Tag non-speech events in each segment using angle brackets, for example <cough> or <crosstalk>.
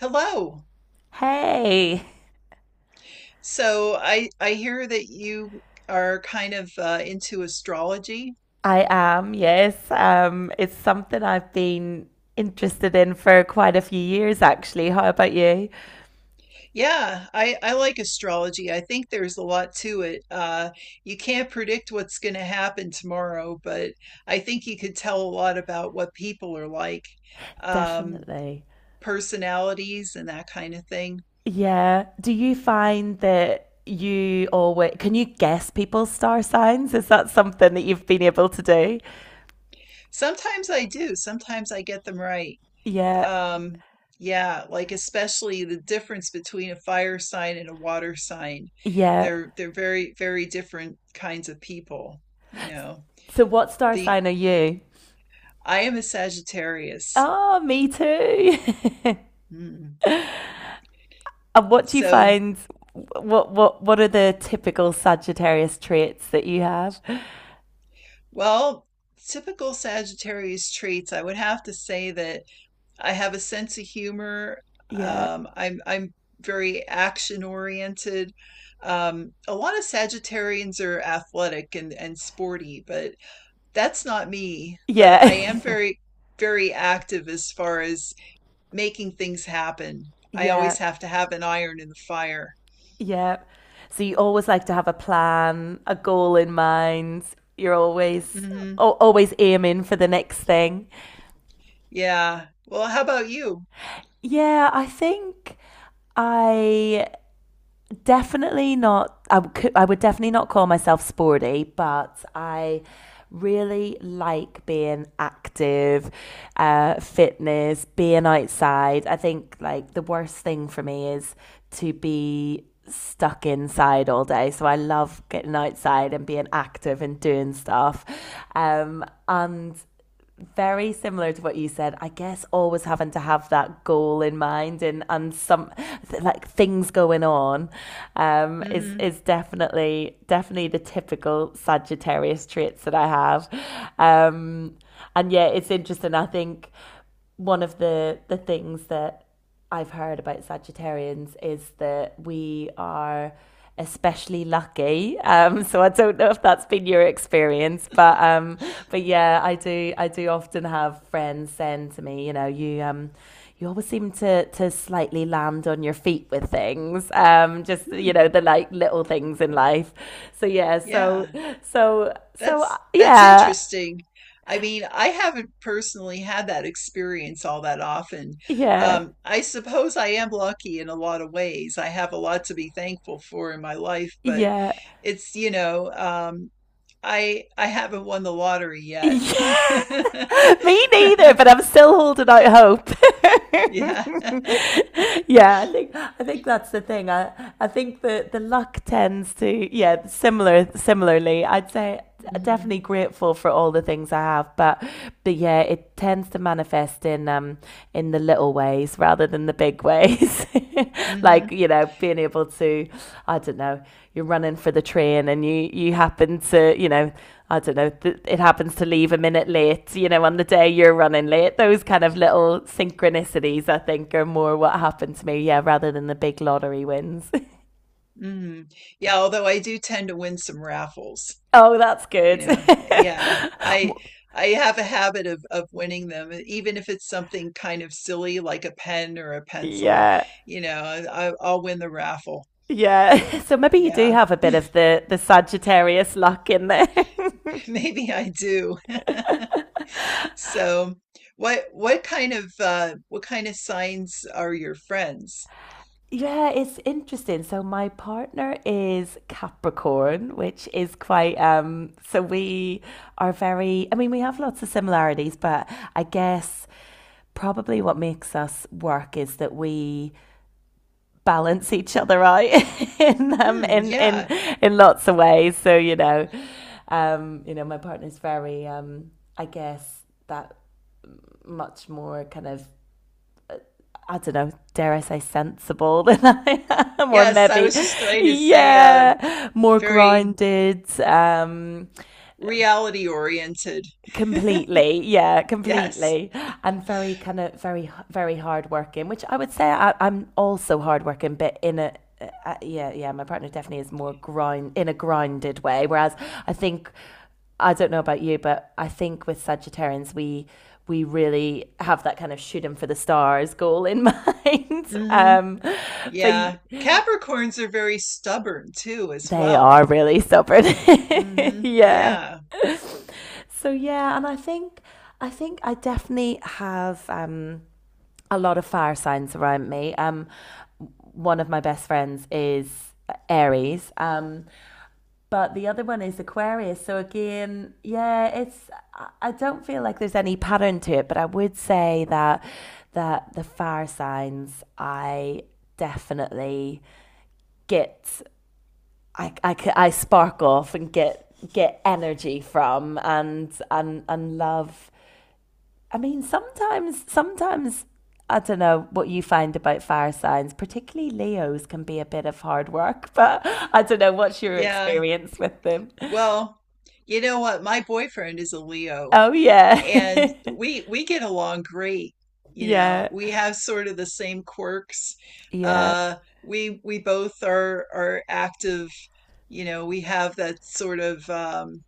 Hello. Hey, So I hear that you are kind of into astrology. I am, yes. It's something I've been interested in for quite a few years, actually. How about you? Yeah, I like astrology. I think there's a lot to it. You can't predict what's going to happen tomorrow, but I think you could tell a lot about what people are like, um, Definitely. personalities and that kind of thing. Yeah. Do you find that you always can you guess people's star signs? Is that something that you've been able to do? Sometimes I do. Sometimes I get them right. Yeah. Um, yeah, like especially the difference between a fire sign and a water sign. Yeah. They're very, very different kinds of people, you know. So what star The sign are you? I am a Sagittarius. Oh, me too. <laughs> Mm. And what do you So, find? What are the typical Sagittarius traits that you have? well, Typical Sagittarius traits, I would have to say that I have a sense of humor. Yeah. I'm very action oriented. A lot of Sagittarians are athletic and sporty, but that's not me, but I Yeah. am very, very active as far as making things happen. I <laughs> yeah. always have to have an iron in the fire. Yeah. So you always like to have a plan, a goal in mind. You're always hmm always aiming for the next thing. Yeah. Well, how about you? Yeah, I think I definitely not I could I would definitely not call myself sporty, but I really like being active, fitness, being outside. I think, like, the worst thing for me is to be stuck inside all day. So I love getting outside and being active and doing stuff. And very similar to what you said. I guess always having to have that goal in mind and some like things going on, is hmm definitely the typical Sagittarius traits that I have. Um, and yeah, it's interesting. I think one of the things that I've heard about Sagittarians is that we are especially lucky. <laughs> So I don't know if that's been your experience, but yeah, I do often have friends send to me, you know, you always seem to slightly land on your feet with things, just, you Hmm. know, the like little things in life. So yeah, so Yeah. so so That's yeah, interesting. I mean, I haven't personally had that experience all that often. yeah, I suppose I am lucky in a lot of ways. I have a lot to be thankful for in my life, but yeah, it's I haven't won the lottery <laughs> yet. yeah. <laughs> <laughs> Me neither, but I'm still holding out hope. Yeah. <laughs> yeah, I think that's the thing. I think the luck tends to, yeah, similarly, I'd say, hmm definitely grateful for all the things I have, but yeah, it tends to manifest in the little ways rather than the big ways. <laughs> Like, hmm you know, being able to, I don't know, you're running for the train and you happen to, you know, I don't know, it happens to leave a minute late, you know, on the day you're running late. Those kind of little synchronicities, I think, are more what happened to me, yeah, rather than the big lottery wins. hmm Yeah, although I do tend to win some raffles, <laughs> oh, that's good. Yeah. I have a habit of winning them, even if it's something kind of silly like a pen or a <laughs> pencil, yeah. you know, I'll win the raffle. Yeah, so maybe you do Yeah. have a bit <laughs> of the Sagittarius luck in there. Maybe I do. So, what kind of what kind of signs are your friends? Yeah, it's interesting. So my partner is Capricorn, which is quite, so we are very, I mean, we have lots of similarities, but I guess probably what makes us work is that we balance each other out <laughs> in Hmm, yeah. in lots of ways. So, you know, um, you know, my partner's very, um, I guess, that much more kind of, I don't know, dare I say, sensible <laughs> than <laughs> more Yes, I maybe, was just going to say, yeah, more very grounded. Reality oriented. <laughs> Completely. Yeah, Yes. completely. And very kind of very hardworking, which I would say I'm also hardworking, but in a yeah, yeah, my partner definitely is more grind in a grounded way. Whereas I think, I don't know about you, but I think with Sagittarians we really have that kind of shoot 'em for the stars goal in mind. <laughs> hmm but Yeah. Capricorns are very stubborn too, as they are well. really stubborn. <laughs> Yeah. Yeah. So yeah, and I think I definitely have, a lot of fire signs around me. One of my best friends is Aries, but the other one is Aquarius. So again, yeah, it's I don't feel like there's any pattern to it, but I would say that that the fire signs I definitely get I spark off and get energy from and love. I mean, sometimes I don't know what you find about fire signs, particularly Leos can be a bit of hard work, <laughs> but I don't know what's your Yeah. experience with them. Well, you know what? My boyfriend is a Leo Oh yeah. and <laughs> we get along great. You know, Yeah. we have sort of the same quirks. Yeah. Uh we both are active, you know, we have that sort of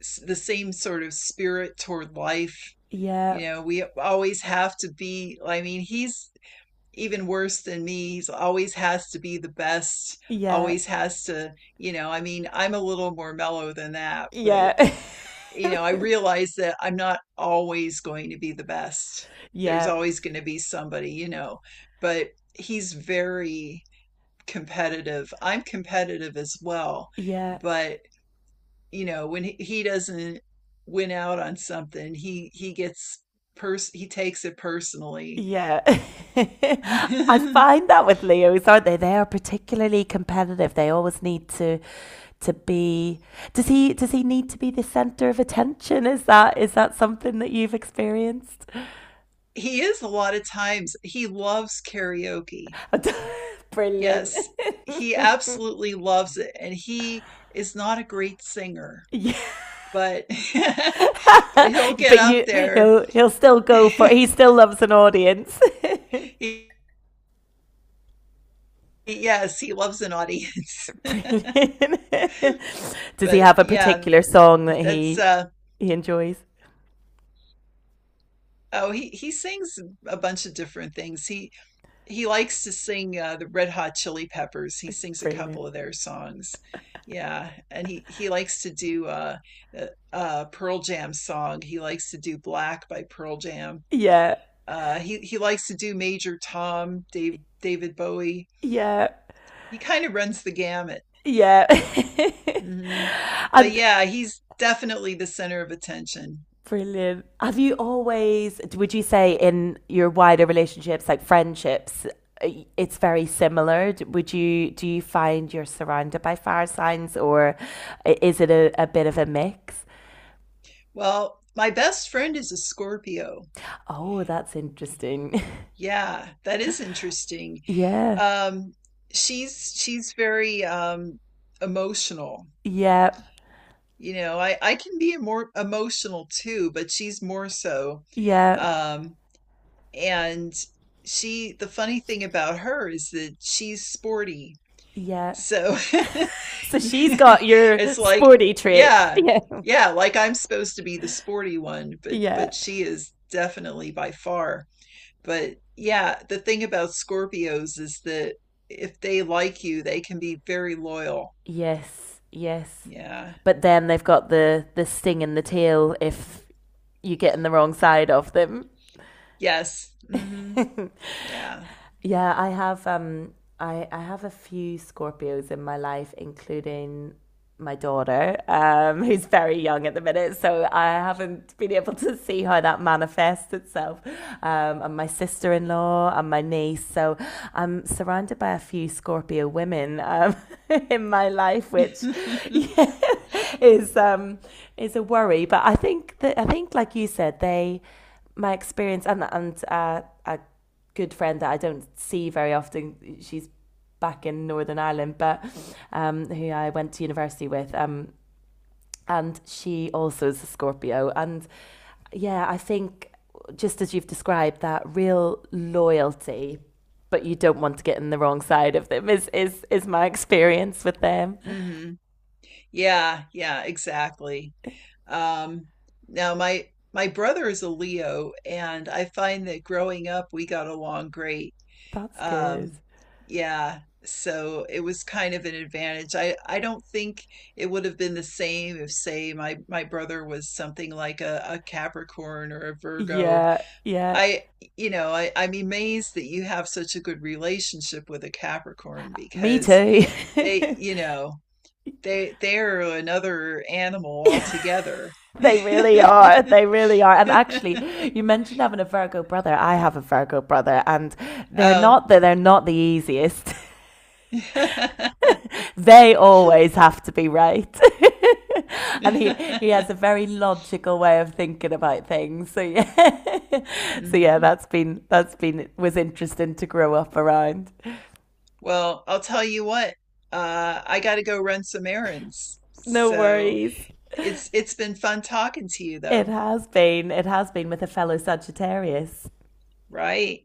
the same sort of spirit toward life. Yeah. You know, we always have to be, I mean, he's even worse than me. He's always has to be the best, Yeah. always has to, you know, I mean, I'm a little more mellow than that, but, Yeah. you know, I realize that I'm not always going to be the best. <laughs> There's Yeah. always going to be somebody, you know, but he's very competitive. I'm competitive as well, Yeah. but, you know, when he doesn't win out on something, he gets pers he takes it personally. Yeah. <laughs> I <laughs> find that with Leos, aren't they? They are particularly competitive. They always need to be, does he need to be the center of attention? Is that something that you've experienced? He is a lot of times he loves karaoke. <laughs> Brilliant. Yes, he absolutely loves it, and he is not a great singer, Yeah, but <laughs> but he'll get but up you there. he'll still <laughs> go for, he still loves an audience. He, yes, he loves an audience. <laughs> Brilliant. <laughs> <laughs> Does he But have a yeah, particular song that that's uh he enjoys? oh, he sings a bunch of different things. He likes to sing, the Red Hot Chili Peppers. He sings a Brilliant. couple of their songs. Yeah, and he likes to do uh Pearl Jam song. He likes to do Black by Pearl Jam. Yeah. He likes to do Major Tom, Dave David Bowie. Yeah. He kind of runs the gamut. Yeah. hmm <laughs> But And yeah, he's definitely the center of attention. brilliant. Have you always, would you say, in your wider relationships, like friendships, it's very similar? Would you, do you find you're surrounded by fire signs, or is it a bit of a mix? Well, my best friend is a Scorpio. Oh, that's interesting. <laughs> Yeah, that is interesting. Yeah. Um, she's very, emotional. Yeah. You know, I can be more emotional too, but she's more so. Yeah. Um, and the funny thing about her is that she's sporty. Yeah. So <laughs> So she's got your it's like, sporty traits. <laughs> yeah, Yeah. yeah, like I'm supposed to be the sporty one, Yeah. but she is definitely by far. But yeah, the thing about Scorpios is that if they like you, they can be very loyal. Yes, yes. Yeah. But then they've got the sting in the tail if you get in the wrong side of them. Yes. Yeah. <laughs> yeah, I have um, I have a few Scorpios in my life, including my daughter, <laughs> who's very young at the minute, so I haven't been able to see how that manifests itself. And my sister in law and my niece, so I'm surrounded by a few Scorpio women, <laughs> in my life, which, <laughs> <laughs> yeah, <laughs> is, is a worry. But I think that, I think, like you said, they, my experience, and, a good friend that I don't see very often. She's back in Northern Ireland, but, who I went to university with. And she also is a Scorpio. And yeah, I think, just as you've described, that real loyalty, but you don't want to get in the wrong side of them is my <laughs> experience with them. hmm Yeah, yeah, exactly. Um, Now my brother is a Leo, and I find that growing up we got along great. That's good. Um, yeah, so it was kind of an advantage. I don't think it would have been the same if, say, my brother was something like a Capricorn or a Virgo. Yeah, yeah. I, you know, I'm amazed that you have such a good relationship with a Capricorn Me because too. they, <laughs> you know, they're another animal altogether. They really are. <laughs> They really are. And actually, you mentioned having a Virgo brother. I have a Virgo brother, and Um, they're not the easiest. <laughs> <laughs> <laughs> They always have to be right. <laughs> And he has a very logical way of thinking about things. So yeah. <laughs> So yeah, hmm that's been was interesting to grow up around. Well, I'll tell you what, I got to go run some errands. No So worries. it's been fun talking to you It though, has been. It has been, with a fellow Sagittarius. right?